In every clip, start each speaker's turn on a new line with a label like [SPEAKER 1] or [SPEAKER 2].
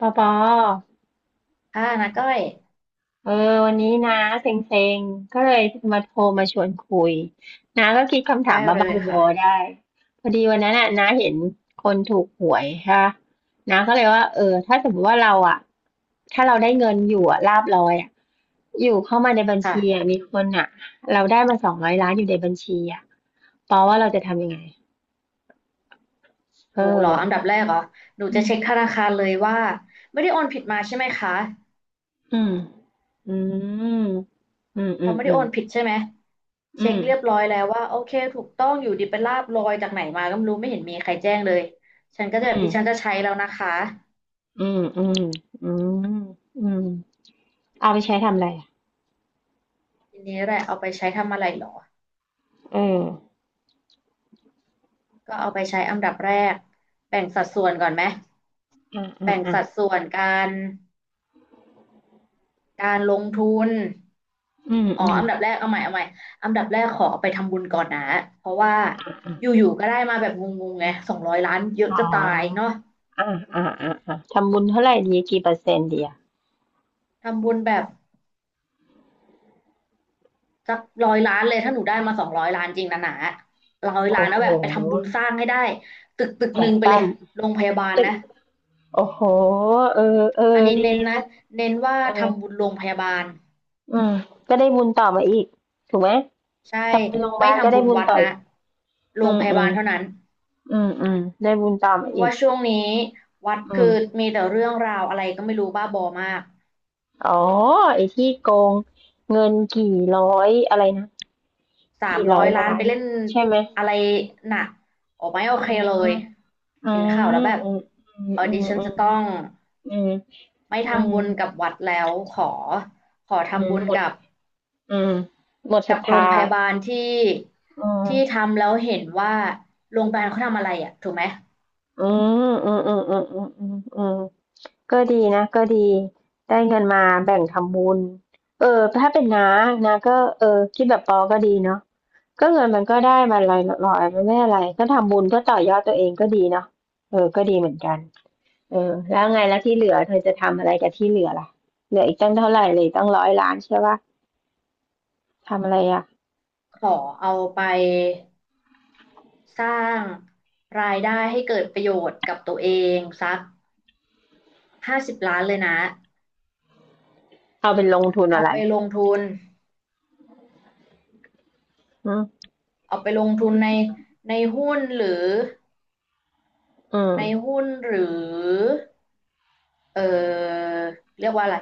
[SPEAKER 1] ปอปอ
[SPEAKER 2] อ่านะก้อย
[SPEAKER 1] เออวันนี้นะเซ็งๆก็เลยมาโทรมาชวนคุยนาก็คิดคำ
[SPEAKER 2] ได้
[SPEAKER 1] ถามบ้า
[SPEAKER 2] เลย
[SPEAKER 1] ๆบอๆ
[SPEAKER 2] ค่ะ
[SPEAKER 1] ได้พอดีวันนั้นน่ะนาเห็นคนถูกหวยค่ะนาก็เลยว่าเออถ้าสมมติว่าเราอ่ะถ้าเราได้เงินอยู่อ่ะลาภลอยอ่ะอยู่เข้ามาในบัญชีอะ
[SPEAKER 2] ค่ะ
[SPEAKER 1] มีคนอ่ะเราได้มา200 ล้านอยู่ในบัญชีอ่ะปอว่าเราจะทำยังไงเออ
[SPEAKER 2] หนูเหรออันดับแรกเหรอหนู
[SPEAKER 1] อื
[SPEAKER 2] จะเช็คธ
[SPEAKER 1] ม
[SPEAKER 2] นาคารเลยว่าไม่ได้โอนผิดมาใช่ไหมคะ
[SPEAKER 1] อืมอืมอืม
[SPEAKER 2] พอไม่
[SPEAKER 1] อื
[SPEAKER 2] ได้โอ
[SPEAKER 1] ม
[SPEAKER 2] นผิดใช่ไหม
[SPEAKER 1] อื
[SPEAKER 2] เช็ค
[SPEAKER 1] ม
[SPEAKER 2] เรียบร้อยแล้วว่าโอเคถูกต้องอยู่ดีเป็นลาบลอยจากไหนมาก็ไม่รู้ไม่เห็นมีใครแจ้งเลยฉันก็
[SPEAKER 1] อื
[SPEAKER 2] จะแบบดิ
[SPEAKER 1] ม
[SPEAKER 2] ฉันจะใช้แล้วนะคะ
[SPEAKER 1] อืมอืมอืมอืมเอาไปใช้ทำอะไรอ่ะ
[SPEAKER 2] ทีนี้แหละเอาไปใช้ทำอะไรเหรอ
[SPEAKER 1] เออ
[SPEAKER 2] ก็เอาไปใช้อันดับแรกแบ่งสัดส่วนก่อนไหม
[SPEAKER 1] อ่าอ่า
[SPEAKER 2] แบ่ง
[SPEAKER 1] อ่า
[SPEAKER 2] สัดส่วนรการลงทุน
[SPEAKER 1] อืม
[SPEAKER 2] อ๋อ
[SPEAKER 1] อืม
[SPEAKER 2] อันดับแรกเอาใหม่อันดับแรกขอเอาไปทำบุญก่อนนะเพราะว่าอยู่ๆก็ได้มาแบบงงๆไงสองร้อยล้านเยอะ
[SPEAKER 1] อ๋อ
[SPEAKER 2] จะตายเนาะ
[SPEAKER 1] อ่าอ่าอ่าอ่าทำบุญเท่าไหร่ดีกี่เปอร์เซ็นต์ดีอ่ะ
[SPEAKER 2] ทำบุญแบบสักร้อยล้านเลยถ้าหนูได้มาสองร้อยล้านจริงนะหนาร้อยล้า
[SPEAKER 1] โอ้
[SPEAKER 2] นแล้
[SPEAKER 1] โห
[SPEAKER 2] วแบบไปทำบุญสร้างให้ได้ตึก
[SPEAKER 1] ใจ
[SPEAKER 2] หนึ่งไปเล
[SPEAKER 1] ปั้
[SPEAKER 2] ย
[SPEAKER 1] ม
[SPEAKER 2] โรงพยาบาล
[SPEAKER 1] ตึก
[SPEAKER 2] นะ
[SPEAKER 1] โอ้โหเออเอ
[SPEAKER 2] อั
[SPEAKER 1] อ
[SPEAKER 2] นนี้
[SPEAKER 1] ดี
[SPEAKER 2] เน้นนะ
[SPEAKER 1] นะ
[SPEAKER 2] เน้นว่า
[SPEAKER 1] เออ
[SPEAKER 2] ทำบุญโรงพยาบาล
[SPEAKER 1] อืมก็ได้บุญต่อมาอีกถูกไหม
[SPEAKER 2] ใช่
[SPEAKER 1] ทำเป็นโรงพยา
[SPEAKER 2] ไม่
[SPEAKER 1] บาลก็
[SPEAKER 2] ทำ
[SPEAKER 1] ได้
[SPEAKER 2] บุญ
[SPEAKER 1] บุญ
[SPEAKER 2] วัด
[SPEAKER 1] ต่อ
[SPEAKER 2] นะ
[SPEAKER 1] อีก
[SPEAKER 2] โร
[SPEAKER 1] อื
[SPEAKER 2] ง
[SPEAKER 1] ม
[SPEAKER 2] พยา
[SPEAKER 1] อื
[SPEAKER 2] บา
[SPEAKER 1] ม
[SPEAKER 2] ลเท่านั้น
[SPEAKER 1] อืมอืมได้บุญต่อมา
[SPEAKER 2] เพราะ
[SPEAKER 1] อี
[SPEAKER 2] ว่า
[SPEAKER 1] ก
[SPEAKER 2] ช่วงนี้วัด
[SPEAKER 1] อื
[SPEAKER 2] คือ
[SPEAKER 1] ม
[SPEAKER 2] มีแต่เรื่องราวอะไรก็ไม่รู้บ้าบอมาก
[SPEAKER 1] อ๋อไอ้ที่โกงเงินกี่ร้อยอะไรนะ
[SPEAKER 2] สาม
[SPEAKER 1] กี่
[SPEAKER 2] ร้อ
[SPEAKER 1] ร้อ
[SPEAKER 2] ย
[SPEAKER 1] ย
[SPEAKER 2] ล้าน
[SPEAKER 1] ล้า
[SPEAKER 2] ไป
[SPEAKER 1] น
[SPEAKER 2] เล่น
[SPEAKER 1] ใช่ไหม
[SPEAKER 2] อะไรหนะโอ้ไม่โอ
[SPEAKER 1] อื
[SPEAKER 2] เค
[SPEAKER 1] ม
[SPEAKER 2] เลย
[SPEAKER 1] อื
[SPEAKER 2] เห็น
[SPEAKER 1] ม
[SPEAKER 2] ข่าวแล้วแบบ
[SPEAKER 1] อืม
[SPEAKER 2] เออ
[SPEAKER 1] อื
[SPEAKER 2] ดิ
[SPEAKER 1] ม
[SPEAKER 2] ฉัน
[SPEAKER 1] อื
[SPEAKER 2] จะต้
[SPEAKER 1] ม
[SPEAKER 2] อง
[SPEAKER 1] อืม
[SPEAKER 2] ไม่
[SPEAKER 1] อืม
[SPEAKER 2] ทำบุญกับวัดแล้วขอ ขอ
[SPEAKER 1] อื
[SPEAKER 2] ทำ
[SPEAKER 1] ม
[SPEAKER 2] บุญ
[SPEAKER 1] หมด
[SPEAKER 2] กับ
[SPEAKER 1] อืมหมดศรั
[SPEAKER 2] กั
[SPEAKER 1] ท
[SPEAKER 2] บโรง
[SPEAKER 1] ธา
[SPEAKER 2] พยาบาลที่
[SPEAKER 1] อืม
[SPEAKER 2] ที่ทำแล้วเห็นว่าโรงพยาบาลเขาทำอะไรอ่ะถูกไหม
[SPEAKER 1] อืมอืมอืมอืมอืมอืมอืมก็ดีนะก็ดีได้เงินมาแบ่งทำบุญเออถ้าเป็นน้านะก็เออคิดแบบปอก็ดีเนาะก็เงินมันก็ได้มาลอยๆมันไม่อะไรก็ทำบุญเพื่อต่อยอดตัวเองก็ดีเนาะเออก็ดีเหมือนกัน เออแล้วไงแล้วที่เหลือเธอจะทำอะไรกับที่เหลือล่ะเหลืออีกตั้งเท่าไหร่เลยตั้งร้อยล้านใช่ปะทำอะไรอ่ะ
[SPEAKER 2] ขอเอาไปสร้างรายได้ให้เกิดประโยชน์กับตัวเองสัก50 ล้านเลยนะ
[SPEAKER 1] เอาเป็นลงทุนอะ
[SPEAKER 2] เอา
[SPEAKER 1] ไร
[SPEAKER 2] ไปลงทุน
[SPEAKER 1] อืม
[SPEAKER 2] เอาไปลงทุนในหุ้นหรือ
[SPEAKER 1] อืม
[SPEAKER 2] ในหุ้นหรือ เออเรียกว่าอะไร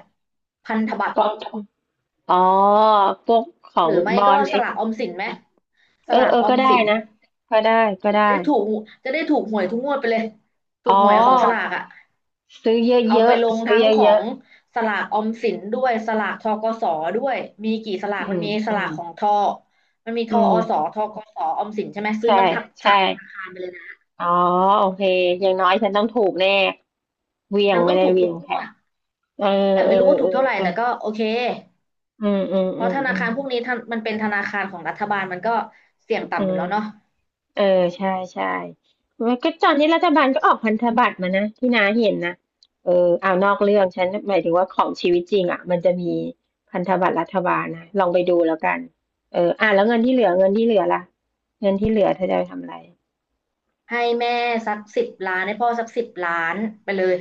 [SPEAKER 2] พันธบัตร
[SPEAKER 1] กองทุนอ๋อพวกขอ
[SPEAKER 2] หรื
[SPEAKER 1] ง
[SPEAKER 2] อไม่
[SPEAKER 1] บอ
[SPEAKER 2] ก็
[SPEAKER 1] ล
[SPEAKER 2] ส
[SPEAKER 1] เอ
[SPEAKER 2] ลากออมสินไหมส
[SPEAKER 1] เออ
[SPEAKER 2] ลาก
[SPEAKER 1] เออ
[SPEAKER 2] ออ
[SPEAKER 1] ก็
[SPEAKER 2] ม
[SPEAKER 1] ได้
[SPEAKER 2] สิน
[SPEAKER 1] นะก็ได้ก็
[SPEAKER 2] จะ
[SPEAKER 1] ได้
[SPEAKER 2] ได้ถูกจะได้ถูกหวยทุกงวดไปเลย ถู
[SPEAKER 1] อ๋
[SPEAKER 2] ก
[SPEAKER 1] อ
[SPEAKER 2] หวยของสลากอ่ะ
[SPEAKER 1] ซื้อเ
[SPEAKER 2] เอา
[SPEAKER 1] ย
[SPEAKER 2] ไป
[SPEAKER 1] อะ
[SPEAKER 2] ลง
[SPEAKER 1] ๆซื้อ
[SPEAKER 2] ทั้งขอ
[SPEAKER 1] เยอะ
[SPEAKER 2] งสลากออมสินด้วยสลากทกสด้วยมีกี่ส
[SPEAKER 1] ๆ
[SPEAKER 2] ลา
[SPEAKER 1] อื
[SPEAKER 2] กมั
[SPEAKER 1] ม
[SPEAKER 2] นมีส
[SPEAKER 1] อื
[SPEAKER 2] ลา
[SPEAKER 1] ม
[SPEAKER 2] กของทอมันมีท
[SPEAKER 1] อื
[SPEAKER 2] อส
[SPEAKER 1] ม
[SPEAKER 2] ธกสออมสินใช่ไหมซื้อ
[SPEAKER 1] ใช่
[SPEAKER 2] มันทักสา
[SPEAKER 1] ใช่
[SPEAKER 2] มธนาคารไปเลยนะ
[SPEAKER 1] อ๋อโอเคอย่างน้อยฉันต้องถูกแน่เหวี่ยง
[SPEAKER 2] ทำ
[SPEAKER 1] ไม่
[SPEAKER 2] ต้อง
[SPEAKER 1] ได้
[SPEAKER 2] ถูก
[SPEAKER 1] เหวี
[SPEAKER 2] ทุ
[SPEAKER 1] ย
[SPEAKER 2] ก
[SPEAKER 1] ง
[SPEAKER 2] ง
[SPEAKER 1] แค่
[SPEAKER 2] วด
[SPEAKER 1] เออ
[SPEAKER 2] แต่
[SPEAKER 1] เอ
[SPEAKER 2] ไม่รู้
[SPEAKER 1] อ
[SPEAKER 2] ว่าถู
[SPEAKER 1] เอ
[SPEAKER 2] กเท่า
[SPEAKER 1] อ
[SPEAKER 2] ไหร่
[SPEAKER 1] เอ
[SPEAKER 2] แต่
[SPEAKER 1] อ
[SPEAKER 2] ก็โอเค
[SPEAKER 1] อืมอืม
[SPEAKER 2] เพ
[SPEAKER 1] อื
[SPEAKER 2] ราะ
[SPEAKER 1] ม
[SPEAKER 2] ธนา
[SPEAKER 1] อืม
[SPEAKER 2] คารพวกนี้ทำมันเป็นธนาคารของรัฐบาลมันก็เสี่ยง
[SPEAKER 1] อื
[SPEAKER 2] ต่ำอยู่
[SPEAKER 1] ม
[SPEAKER 2] แล้วเนาะ
[SPEAKER 1] เออใช่ใช่มันก็ตอนนี้รัฐบาลก็ออกพันธบัตรมานะที่น้าเห็นนะเออเอานอกเรื่องฉันหมายถึงว่าของชีวิตจริงอ่ะมันจะมีพันธบัตรรัฐบาลนะลองไปดูแล้วกัน เอออ่ะแล้วเงินที่เหลือเงินที่เหลือล่ะเงินที่เหลือเธอจะไปทำอะไร
[SPEAKER 2] ให้แม่สักสิบล้านให้พ่อสักสิบล้านไปเลย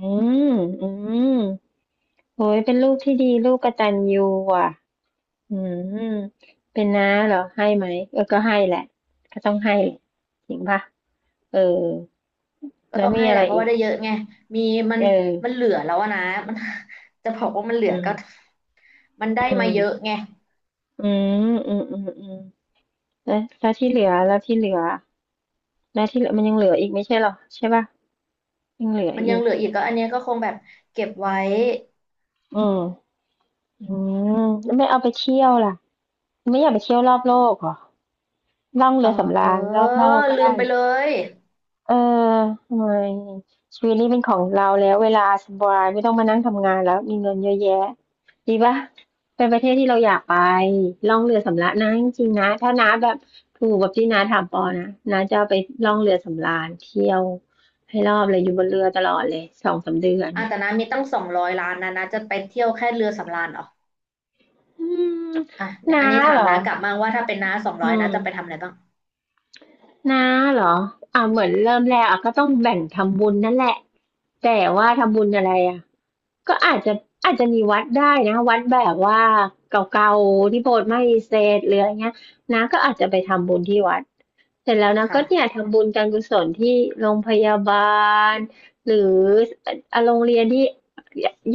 [SPEAKER 1] อืมอืมโอ้ยเป็นลูกที่ดีลูกกตัญญูอ่ะอืมเป็นน้าเหรอให้ไหมเออก็ให้แหละก็ต้องให้แหละจริงป่ะเออ
[SPEAKER 2] ก็
[SPEAKER 1] แล้ว
[SPEAKER 2] ต้อง
[SPEAKER 1] มี
[SPEAKER 2] ให้
[SPEAKER 1] อะ
[SPEAKER 2] แห
[SPEAKER 1] ไร
[SPEAKER 2] ละเพราะ
[SPEAKER 1] อี
[SPEAKER 2] ว่า
[SPEAKER 1] ก
[SPEAKER 2] ได้เยอะไงมีมัน
[SPEAKER 1] เออ
[SPEAKER 2] มันเหลือแล้วอะนะมัน จะบอกว่ามันเหลือ
[SPEAKER 1] อืม
[SPEAKER 2] ก็มัน
[SPEAKER 1] อื
[SPEAKER 2] ได้มา
[SPEAKER 1] ม
[SPEAKER 2] เยอะไง
[SPEAKER 1] อืมอืมอืมอืมแล้วแล้วที่เหลือมันยังเหลืออีกไม่ใช่เหรอใช่ป่ะยังเหลือ
[SPEAKER 2] มันยั
[SPEAKER 1] อี
[SPEAKER 2] ง
[SPEAKER 1] ก
[SPEAKER 2] เหลืออีกก็อันเนี้ยก็คงแบบเก็บไว้
[SPEAKER 1] อืมอืมแล้วไม่เอาไปเที่ยวล่ะไม่อยากไปเที่ยวรอบโลกเหรอล่อง
[SPEAKER 2] เอ
[SPEAKER 1] เรื
[SPEAKER 2] อ
[SPEAKER 1] อสำ
[SPEAKER 2] เออ
[SPEAKER 1] ราญรอบโลกก็
[SPEAKER 2] ลื
[SPEAKER 1] ได้
[SPEAKER 2] มไปเลย
[SPEAKER 1] เออทำไมชีวิตนี้เป็นของเราแล้วเวลาสบายไม่ต้องมานั่งทำงานแล้วมีเงินเยอะแยะดีปะเป็นประเทศที่เราอยากไปล่องเรือสำราญนะจริงๆนะถ้าน้าแบบถูกแบบที่น้าถามปอนะน้าจะเอาไปล่องเรือสำราญเที่ยวให้รอบเลยอยู่บนเรือตลอดเลยสองสามเดือน
[SPEAKER 2] อ่ะ
[SPEAKER 1] เนี่ย
[SPEAKER 2] แต่นะมีตั้งสองร้อยล้านนะนะจะไปเที่ยวแค่เรือสำราญเหรอ
[SPEAKER 1] อืม
[SPEAKER 2] อ่ะเดี๋ยว
[SPEAKER 1] น้า
[SPEAKER 2] อันนี้ถา
[SPEAKER 1] เหร
[SPEAKER 2] ม
[SPEAKER 1] อ
[SPEAKER 2] น้ากลับมาว่าถ้าเป็นน้าสอง
[SPEAKER 1] อื
[SPEAKER 2] ร้อยนะจะไป
[SPEAKER 1] ม
[SPEAKER 2] ทำอะไรบ้าง
[SPEAKER 1] น้าเหรออ่าเหมือนเริ่มแรกอ่ะก็ต้องแบ่งทำบุญนั่นแหละแต่ว่าทำบุญอะไรอ่ะ ก็อาจจะมีวัดได้นะวัดแบบว่าเก่าๆที่โบสถ์ไม่เสร็จหรืออะไรเงี้ยนะก็อาจจะไปทำบุญที่วัดเสร็จแล้วนะก็เนี่ย
[SPEAKER 2] ค่ะ
[SPEAKER 1] ทำบุญการกุศลที่โรงพยาบาลหรืออ่ะโรงเรียนที่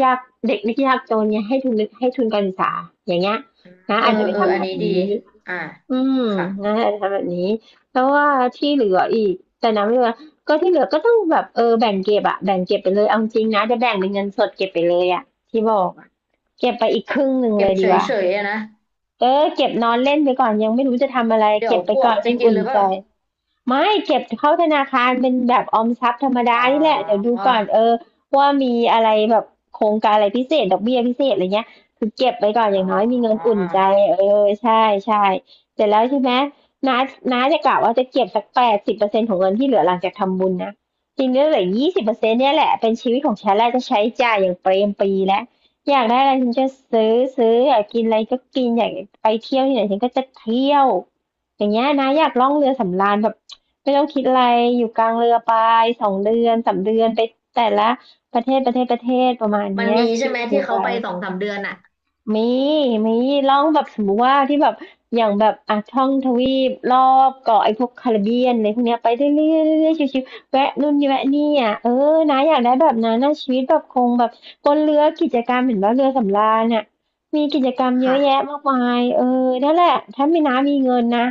[SPEAKER 1] ยากเด็กนักยากจนเนี่ยให้ทุนให้ทุนการศึกษาอย่างเงี้ยนะ
[SPEAKER 2] เออ
[SPEAKER 1] อาจจะไป
[SPEAKER 2] เออ
[SPEAKER 1] ทำ
[SPEAKER 2] อัน
[SPEAKER 1] แบบ
[SPEAKER 2] นี้ดี
[SPEAKER 1] นี้
[SPEAKER 2] อ่า
[SPEAKER 1] อืม
[SPEAKER 2] ค่ะ
[SPEAKER 1] นะคะทำแบบนี้เพราะว่าที่เหลืออีกแต่นะไม่ว่าก็ที่เหลือก็ต้องแบบเออแบ่งเก็บอะแบ่งเก็บไปเลยเอาจริงนะจะแบ่งเป็นเงินสดเก็บไปเลยอะที่บอกอะเก็บไปอีกครึ่งหนึ่ง
[SPEAKER 2] เก็
[SPEAKER 1] เล
[SPEAKER 2] บ
[SPEAKER 1] ย
[SPEAKER 2] เฉ
[SPEAKER 1] ดีก
[SPEAKER 2] ย
[SPEAKER 1] ว่า
[SPEAKER 2] เฉยนะ
[SPEAKER 1] เออเก็บนอนเล่นไปก่อนยังไม่รู้จะทำอะไร
[SPEAKER 2] เดี๋ย
[SPEAKER 1] เก็
[SPEAKER 2] ว
[SPEAKER 1] บไป
[SPEAKER 2] พว
[SPEAKER 1] ก่อ
[SPEAKER 2] ก
[SPEAKER 1] น
[SPEAKER 2] จะ
[SPEAKER 1] ให้
[SPEAKER 2] กิน
[SPEAKER 1] อุ่
[SPEAKER 2] ห
[SPEAKER 1] น
[SPEAKER 2] รือเป
[SPEAKER 1] ใจ
[SPEAKER 2] ล่า
[SPEAKER 1] ไม่เก็บเข้าธนาคารเป็นแบบออมทรัพย์ธรรม
[SPEAKER 2] อ๋
[SPEAKER 1] ดา
[SPEAKER 2] อ
[SPEAKER 1] นี่แหละเดี๋ยวดูก่อนเออว่ามีอะไรแบบโครงการอะไรพิเศษดอกเบี้ยพิเศษอะไรเงี้ยคือเก็บไว้ก่อนอ
[SPEAKER 2] อ๋
[SPEAKER 1] ย่า
[SPEAKER 2] อ
[SPEAKER 1] งน้อยมีเงินอุ่นใจเออใช่ใช่เสร็จแล้วใช่ไหมน้าน้าจะกะว่าจะเก็บสัก80%ของเงินที่เหลือหลังจากทำบุญนะจริงๆเหลือ20%เนี่ยแหละเป็นชีวิตของฉันแล้วจะใช้จ่ายอย่างเปรมปรีแล้วอยากได้อะไรฉันจะซื้อซื้ออยากกินอะไรก็กินอยากไปเที่ยวที่ไหนฉันก็จะเที่ยวอย่างเงี้ยนะอยากล่องเรือสำราญแบบ ไม่ต้องคิดอะไร อยู่กลางเรือไปสองเดือนสามเดือนไปแต่ละประเทศประเทศประเทศประมาณ
[SPEAKER 2] มัน
[SPEAKER 1] เนี้ย
[SPEAKER 2] มีใช่ไหม
[SPEAKER 1] ชิว
[SPEAKER 2] ที่
[SPEAKER 1] ๆไป
[SPEAKER 2] เขาไป2-3 เดือนอ่ะ
[SPEAKER 1] มีมีล่องแบบสมมุติว่าที่แบบอย่างแบบอ่ะท่องทวีปรอบเกาะไอ้พวกคาริบเบียนอะไรพวกเนี้ยไปเรื่อยๆเรื่อยๆชิวๆแวะนู่นแวะนี่อ่ะเออนะอยากได้แบบนั้นนะชีวิตแบบคงแบบบนเรือกิจกรรมเหมือนว่าเรือสำราญอ่ะมีกิจกรรมเยอะแยะ
[SPEAKER 2] ค่ะ
[SPEAKER 1] มากมายเออนั่นแหละถ้ามีน้ามีเงินนะ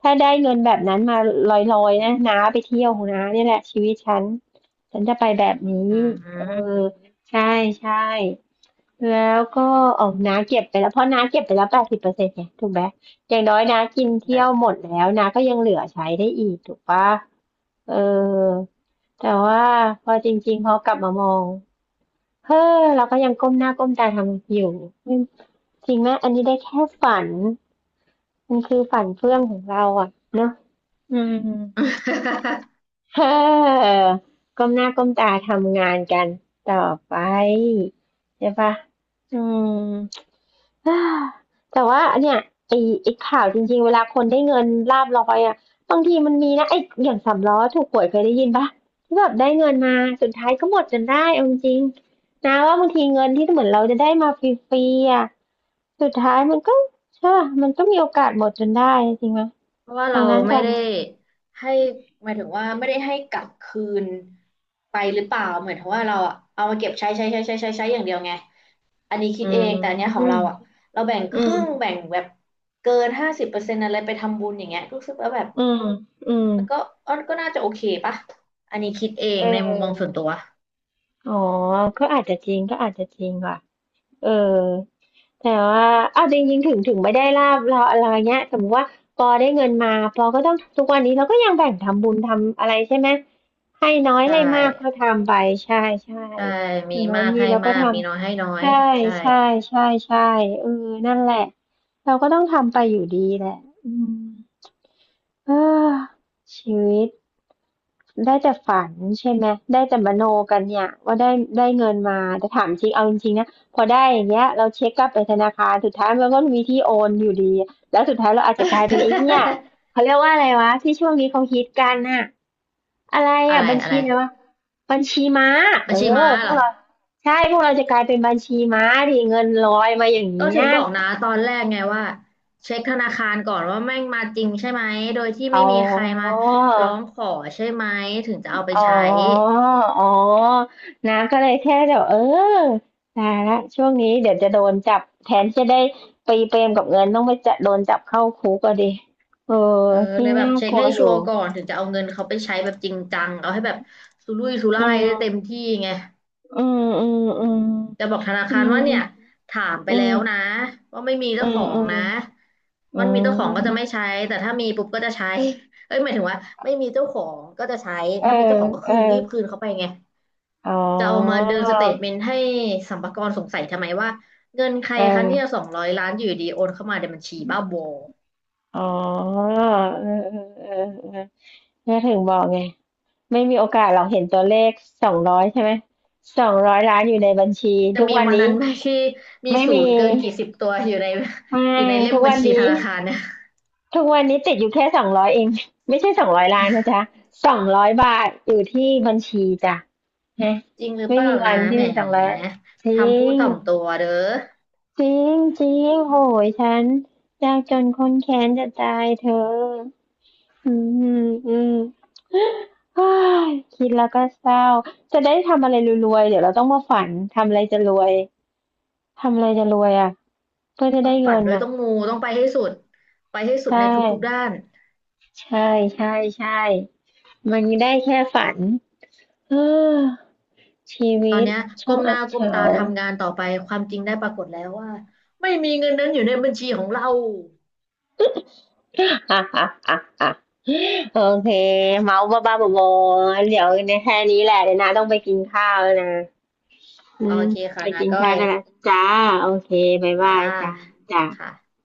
[SPEAKER 1] ถ้าได้เงินแบบนั้นมาลอยๆนะน้าไปเที่ยวของน้าเนี่ยแหละชีวิตฉันฉันจะไปแบบนี้
[SPEAKER 2] อื
[SPEAKER 1] เออ
[SPEAKER 2] ม
[SPEAKER 1] ใช่ใช่ แล้วก็ออกน้าเก็บไปแล้วเพราะน้าเก็บไปแล้ว80%ไงถูกไหมอย่างน้อยน้ากินเที่ยวหมดแล้วน้าก็ยังเหลือใช้ได้อีกถูกปะเออแต่ว่าพอจริงๆพอกลับมามองเฮ้อเราก็ยังก้มหน้าก้มตาทำอยู่จริงไหมอันนี้ได้แค่ฝันมันคือฝันเฟื่องของเราอ่ะเนอะอืม เฮ้อก้มหน้าก้มตาทำงานกันต่อไปใช่ปะอืม อ่าแต่ว่าเนี่ยไอ้ไอ้ข่าวจริงๆเวลาคนได้เงินลาภลอยอ่ะบางทีมันมีนะไอ้อย่างสามล้อถูกหวยเคยได้ยินปะที่แบบได้เงินมาสุดท้ายก็หมดจนได้เอาจริงๆนะว่าบางทีเงินที่เหมือนเราจะได้มาฟรีๆอ่ะสุดท้ายมันก็ใช่ปะมันก็มีโอกาสหมดจนได้จริงไหม
[SPEAKER 2] เพราะว่า
[SPEAKER 1] ดั
[SPEAKER 2] เรา
[SPEAKER 1] งนั้นต
[SPEAKER 2] ไม่
[SPEAKER 1] อน
[SPEAKER 2] ได้ให้หมายถึงว่าไม่ได้ให้กลับคืนไปหรือเปล่าเหมือนถึงว่าเราอะเอามาเก็บใช้อย่างเดียวไงอันนี้คิ
[SPEAKER 1] อื
[SPEAKER 2] ดเองแต่อันเนี้ยข
[SPEAKER 1] ม
[SPEAKER 2] องเราอะเราแบ่งค
[SPEAKER 1] อื
[SPEAKER 2] รึ่ง
[SPEAKER 1] ม
[SPEAKER 2] แบ่งแบบเกิน50%อะไรไปทำบุญอย่างเงี้ยรู้สึกว่าแบบ
[SPEAKER 1] อืมอืม
[SPEAKER 2] มันก็อันก็น่าจะโอเคปะอันนี้คิดเอ
[SPEAKER 1] เ
[SPEAKER 2] งในมุมมองส่วน
[SPEAKER 1] ออ
[SPEAKER 2] ตัว
[SPEAKER 1] อ๋อก็อาจจะจริงก็อาจจะจริงว่ะ เออแต่ว่าเอาจริงๆถึงไม่ได้ลาบเราอะไรเงี้ยสมมติว่าปอได้เงินมาปอก็ต้องทุกวันนี้เราก็ยังแบ่งทำบุญทำอะไรใช่ไหมให้น้อย
[SPEAKER 2] ใช่
[SPEAKER 1] ให้มากก็ทำไปใช่ใช่
[SPEAKER 2] ใช่
[SPEAKER 1] อ
[SPEAKER 2] มี
[SPEAKER 1] ย่างน้อย
[SPEAKER 2] มาก
[SPEAKER 1] มี
[SPEAKER 2] ให้
[SPEAKER 1] เราก็
[SPEAKER 2] มา
[SPEAKER 1] ท
[SPEAKER 2] กมีน้อยให้น้อ
[SPEAKER 1] ำ
[SPEAKER 2] ย
[SPEAKER 1] ใช่
[SPEAKER 2] ใช่
[SPEAKER 1] ใช่ใช่ใช่เออนั่นแหละเราก็ต้องทำไปอยู่ดีแหละอืม เออชีวิตได้แต่ฝันใช่ไหมได้แต่มโนกันเนี่ยว่าได้ได้เงินมาแต่ถามจริงเอาจริงๆนะพอได้อย่างเงี้ยเราเช็คกลับไปธนาคารสุดท้ายมันก็มีที่โอนอยู่ดีแล้วสุดท้ายเราอาจจะกลายเป็นไอ้เนี่ย เขาเรียกว่าอะไรวะที่ช่วงนี้เขาฮิตกันน่ะอะไร
[SPEAKER 2] อะ
[SPEAKER 1] อ่ะ
[SPEAKER 2] ไร
[SPEAKER 1] บัญ
[SPEAKER 2] อะ
[SPEAKER 1] ชี
[SPEAKER 2] ไร
[SPEAKER 1] อะไรวะบัญชีม้า
[SPEAKER 2] บั
[SPEAKER 1] เอ
[SPEAKER 2] ญชี
[SPEAKER 1] อ
[SPEAKER 2] ม้า
[SPEAKER 1] พ
[SPEAKER 2] เห
[SPEAKER 1] ว
[SPEAKER 2] ร
[SPEAKER 1] ก
[SPEAKER 2] อ
[SPEAKER 1] เราใช่พวกเราจะกลายเป็นบัญชีม้าดิเงินลอยมาอย่าง
[SPEAKER 2] ก็
[SPEAKER 1] เงี้
[SPEAKER 2] ถึ
[SPEAKER 1] ย
[SPEAKER 2] งบอกนะตอนแรกไงว่าเช็คธนาคารก่อนว่าแม่งมาจริงใช่ไหมโดยที่
[SPEAKER 1] อ๋อ
[SPEAKER 2] ไม่มีใครมาร้องขอใช่ไหมถึงจะเอาไป
[SPEAKER 1] อ๋อ
[SPEAKER 2] ใช้
[SPEAKER 1] อ๋อน้ำก็เลยแค่เดี๋บวเออตายละช่วงนี้เดี๋ยวจะโดนจับแทนที่จะได้ไปเปรมกับเงินต้องไปจะโดนจับเข้าคุกก็ดิเออ
[SPEAKER 2] เออเล
[SPEAKER 1] ยิ่ง
[SPEAKER 2] ยแบบ
[SPEAKER 1] น่า
[SPEAKER 2] เช็
[SPEAKER 1] ก
[SPEAKER 2] ค
[SPEAKER 1] ลัว
[SPEAKER 2] ให้
[SPEAKER 1] อ
[SPEAKER 2] ชัว
[SPEAKER 1] ยู่
[SPEAKER 2] ร์ก่อนถึงจะเอาเงินเขาไปใช้แบบจริงจังเอาให้แบบสุรุ่ยสุ
[SPEAKER 1] อื
[SPEAKER 2] ร่ายได้เต็
[SPEAKER 1] ม
[SPEAKER 2] มที่ไง
[SPEAKER 1] อืมอืมอืม
[SPEAKER 2] จะบอกธนา
[SPEAKER 1] อื
[SPEAKER 2] คารว่าเนี่ย
[SPEAKER 1] ม
[SPEAKER 2] ถามไป
[SPEAKER 1] อื
[SPEAKER 2] แล้
[SPEAKER 1] ม
[SPEAKER 2] วนะว่าไม่มี
[SPEAKER 1] อื
[SPEAKER 2] เจ้าข
[SPEAKER 1] ม
[SPEAKER 2] อ
[SPEAKER 1] อื
[SPEAKER 2] ง
[SPEAKER 1] ม
[SPEAKER 2] นะ
[SPEAKER 1] อื
[SPEAKER 2] มันมีเจ้าของก็จะไม่
[SPEAKER 1] ม
[SPEAKER 2] ใช้แต่ถ้ามีปุ๊บก็จะใช้เอ้ยหมายถึงว่าไม่มีเจ้าของก็จะใช้
[SPEAKER 1] เออ
[SPEAKER 2] ถ้ามีเจ้าของก็
[SPEAKER 1] เอ
[SPEAKER 2] คื
[SPEAKER 1] อ
[SPEAKER 2] นรีบคืนเขาไปไง
[SPEAKER 1] อ๋อ
[SPEAKER 2] จะเอามาเดินสเตทเมนต์ให้สรรพากรสงสัยทำไมว่าเงินใคร
[SPEAKER 1] เอ
[SPEAKER 2] คะ
[SPEAKER 1] อ
[SPEAKER 2] เนี่ยสองร้อยล้านอยู่ดีโอนเข้ามาในบัญชีบ้าบอ
[SPEAKER 1] อ๋อเออเออเออเออถึงบอกไง ไม่มีโอกาสหรอกเห็นตัวเลขสองร้อยใช่ไหมสองร้อยล้านอยู่ในบัญชี
[SPEAKER 2] จะ
[SPEAKER 1] ทุก
[SPEAKER 2] มี
[SPEAKER 1] วัน
[SPEAKER 2] วัน
[SPEAKER 1] นี้
[SPEAKER 2] นั้นไหมที่มี
[SPEAKER 1] ไม่
[SPEAKER 2] ศู
[SPEAKER 1] มี
[SPEAKER 2] นย์เกินกี่สิบตัวอยู่ใน
[SPEAKER 1] ไม่
[SPEAKER 2] อยู่ในเล่ม
[SPEAKER 1] ทุก
[SPEAKER 2] บัญ
[SPEAKER 1] วัน
[SPEAKER 2] ชีธ
[SPEAKER 1] นี้
[SPEAKER 2] นาคารเนี่ย
[SPEAKER 1] ทุกวันนี้ติดอยู่แค่สองร้อยเองไม่ใช่สองร้อยล้านนะจ๊ะ200 บาทอยู่ที่บัญชีจ้ะฮะ
[SPEAKER 2] จริงหรือ
[SPEAKER 1] ไม่
[SPEAKER 2] เป
[SPEAKER 1] มี
[SPEAKER 2] ล่า
[SPEAKER 1] วัน
[SPEAKER 2] นะ
[SPEAKER 1] ที่
[SPEAKER 2] แหม
[SPEAKER 1] เป็นสองร้อยจริ
[SPEAKER 2] ทำพูด
[SPEAKER 1] ง
[SPEAKER 2] ถ่อมตัวเด้อ
[SPEAKER 1] จริงจริงโหยฉันยากจนคนแค้นจะตายเธออืมอืม อ้ายคิดแล้วก็เศร้าจะได้ทำอะไรรวยๆเดี๋ยวเราต้องมาฝันทำอะไรจะรวยทำอะไรจะรวยอ่ะเพื่อจะ
[SPEAKER 2] ต้อ
[SPEAKER 1] ได้
[SPEAKER 2] งฝั
[SPEAKER 1] เงิ
[SPEAKER 2] น
[SPEAKER 1] น
[SPEAKER 2] ด้วย
[SPEAKER 1] อ่ะ
[SPEAKER 2] ต้องมูต้องไปให้สุดไปให้สุด
[SPEAKER 1] ใช่
[SPEAKER 2] ในทุกๆด้าน
[SPEAKER 1] ใช่ใช่ใช่มันได้แค่ฝันเออชี
[SPEAKER 2] ตอ
[SPEAKER 1] วิ
[SPEAKER 2] น
[SPEAKER 1] ต
[SPEAKER 2] เนี้ย
[SPEAKER 1] ช่า
[SPEAKER 2] ก้
[SPEAKER 1] ง
[SPEAKER 2] มห
[SPEAKER 1] อั
[SPEAKER 2] น้า
[SPEAKER 1] บ
[SPEAKER 2] ก้ม
[SPEAKER 1] เฉา
[SPEAKER 2] ตาทำงานต่อไปความจริงได้ปรากฏแล้วว่าไม่มีเงินนั้นอยู่ในบัญชีของเรา
[SPEAKER 1] อ่ะอ่ะอ่ะอ่ะโอเคเมาบ้าบ้าๆบอๆเดี๋ยวในแค่นี้แหละเดี๋ยวนะต้องไปกินข้าวแล้วนะอื
[SPEAKER 2] โอ
[SPEAKER 1] ม
[SPEAKER 2] เค
[SPEAKER 1] ไป
[SPEAKER 2] ค่ะนา
[SPEAKER 1] กิน
[SPEAKER 2] ก้อ
[SPEAKER 1] ข้าว
[SPEAKER 2] ย
[SPEAKER 1] ได้แล้วจ้าโอเคบาย
[SPEAKER 2] อ่
[SPEAKER 1] บายจ้า
[SPEAKER 2] า
[SPEAKER 1] จ้า
[SPEAKER 2] ค่ะ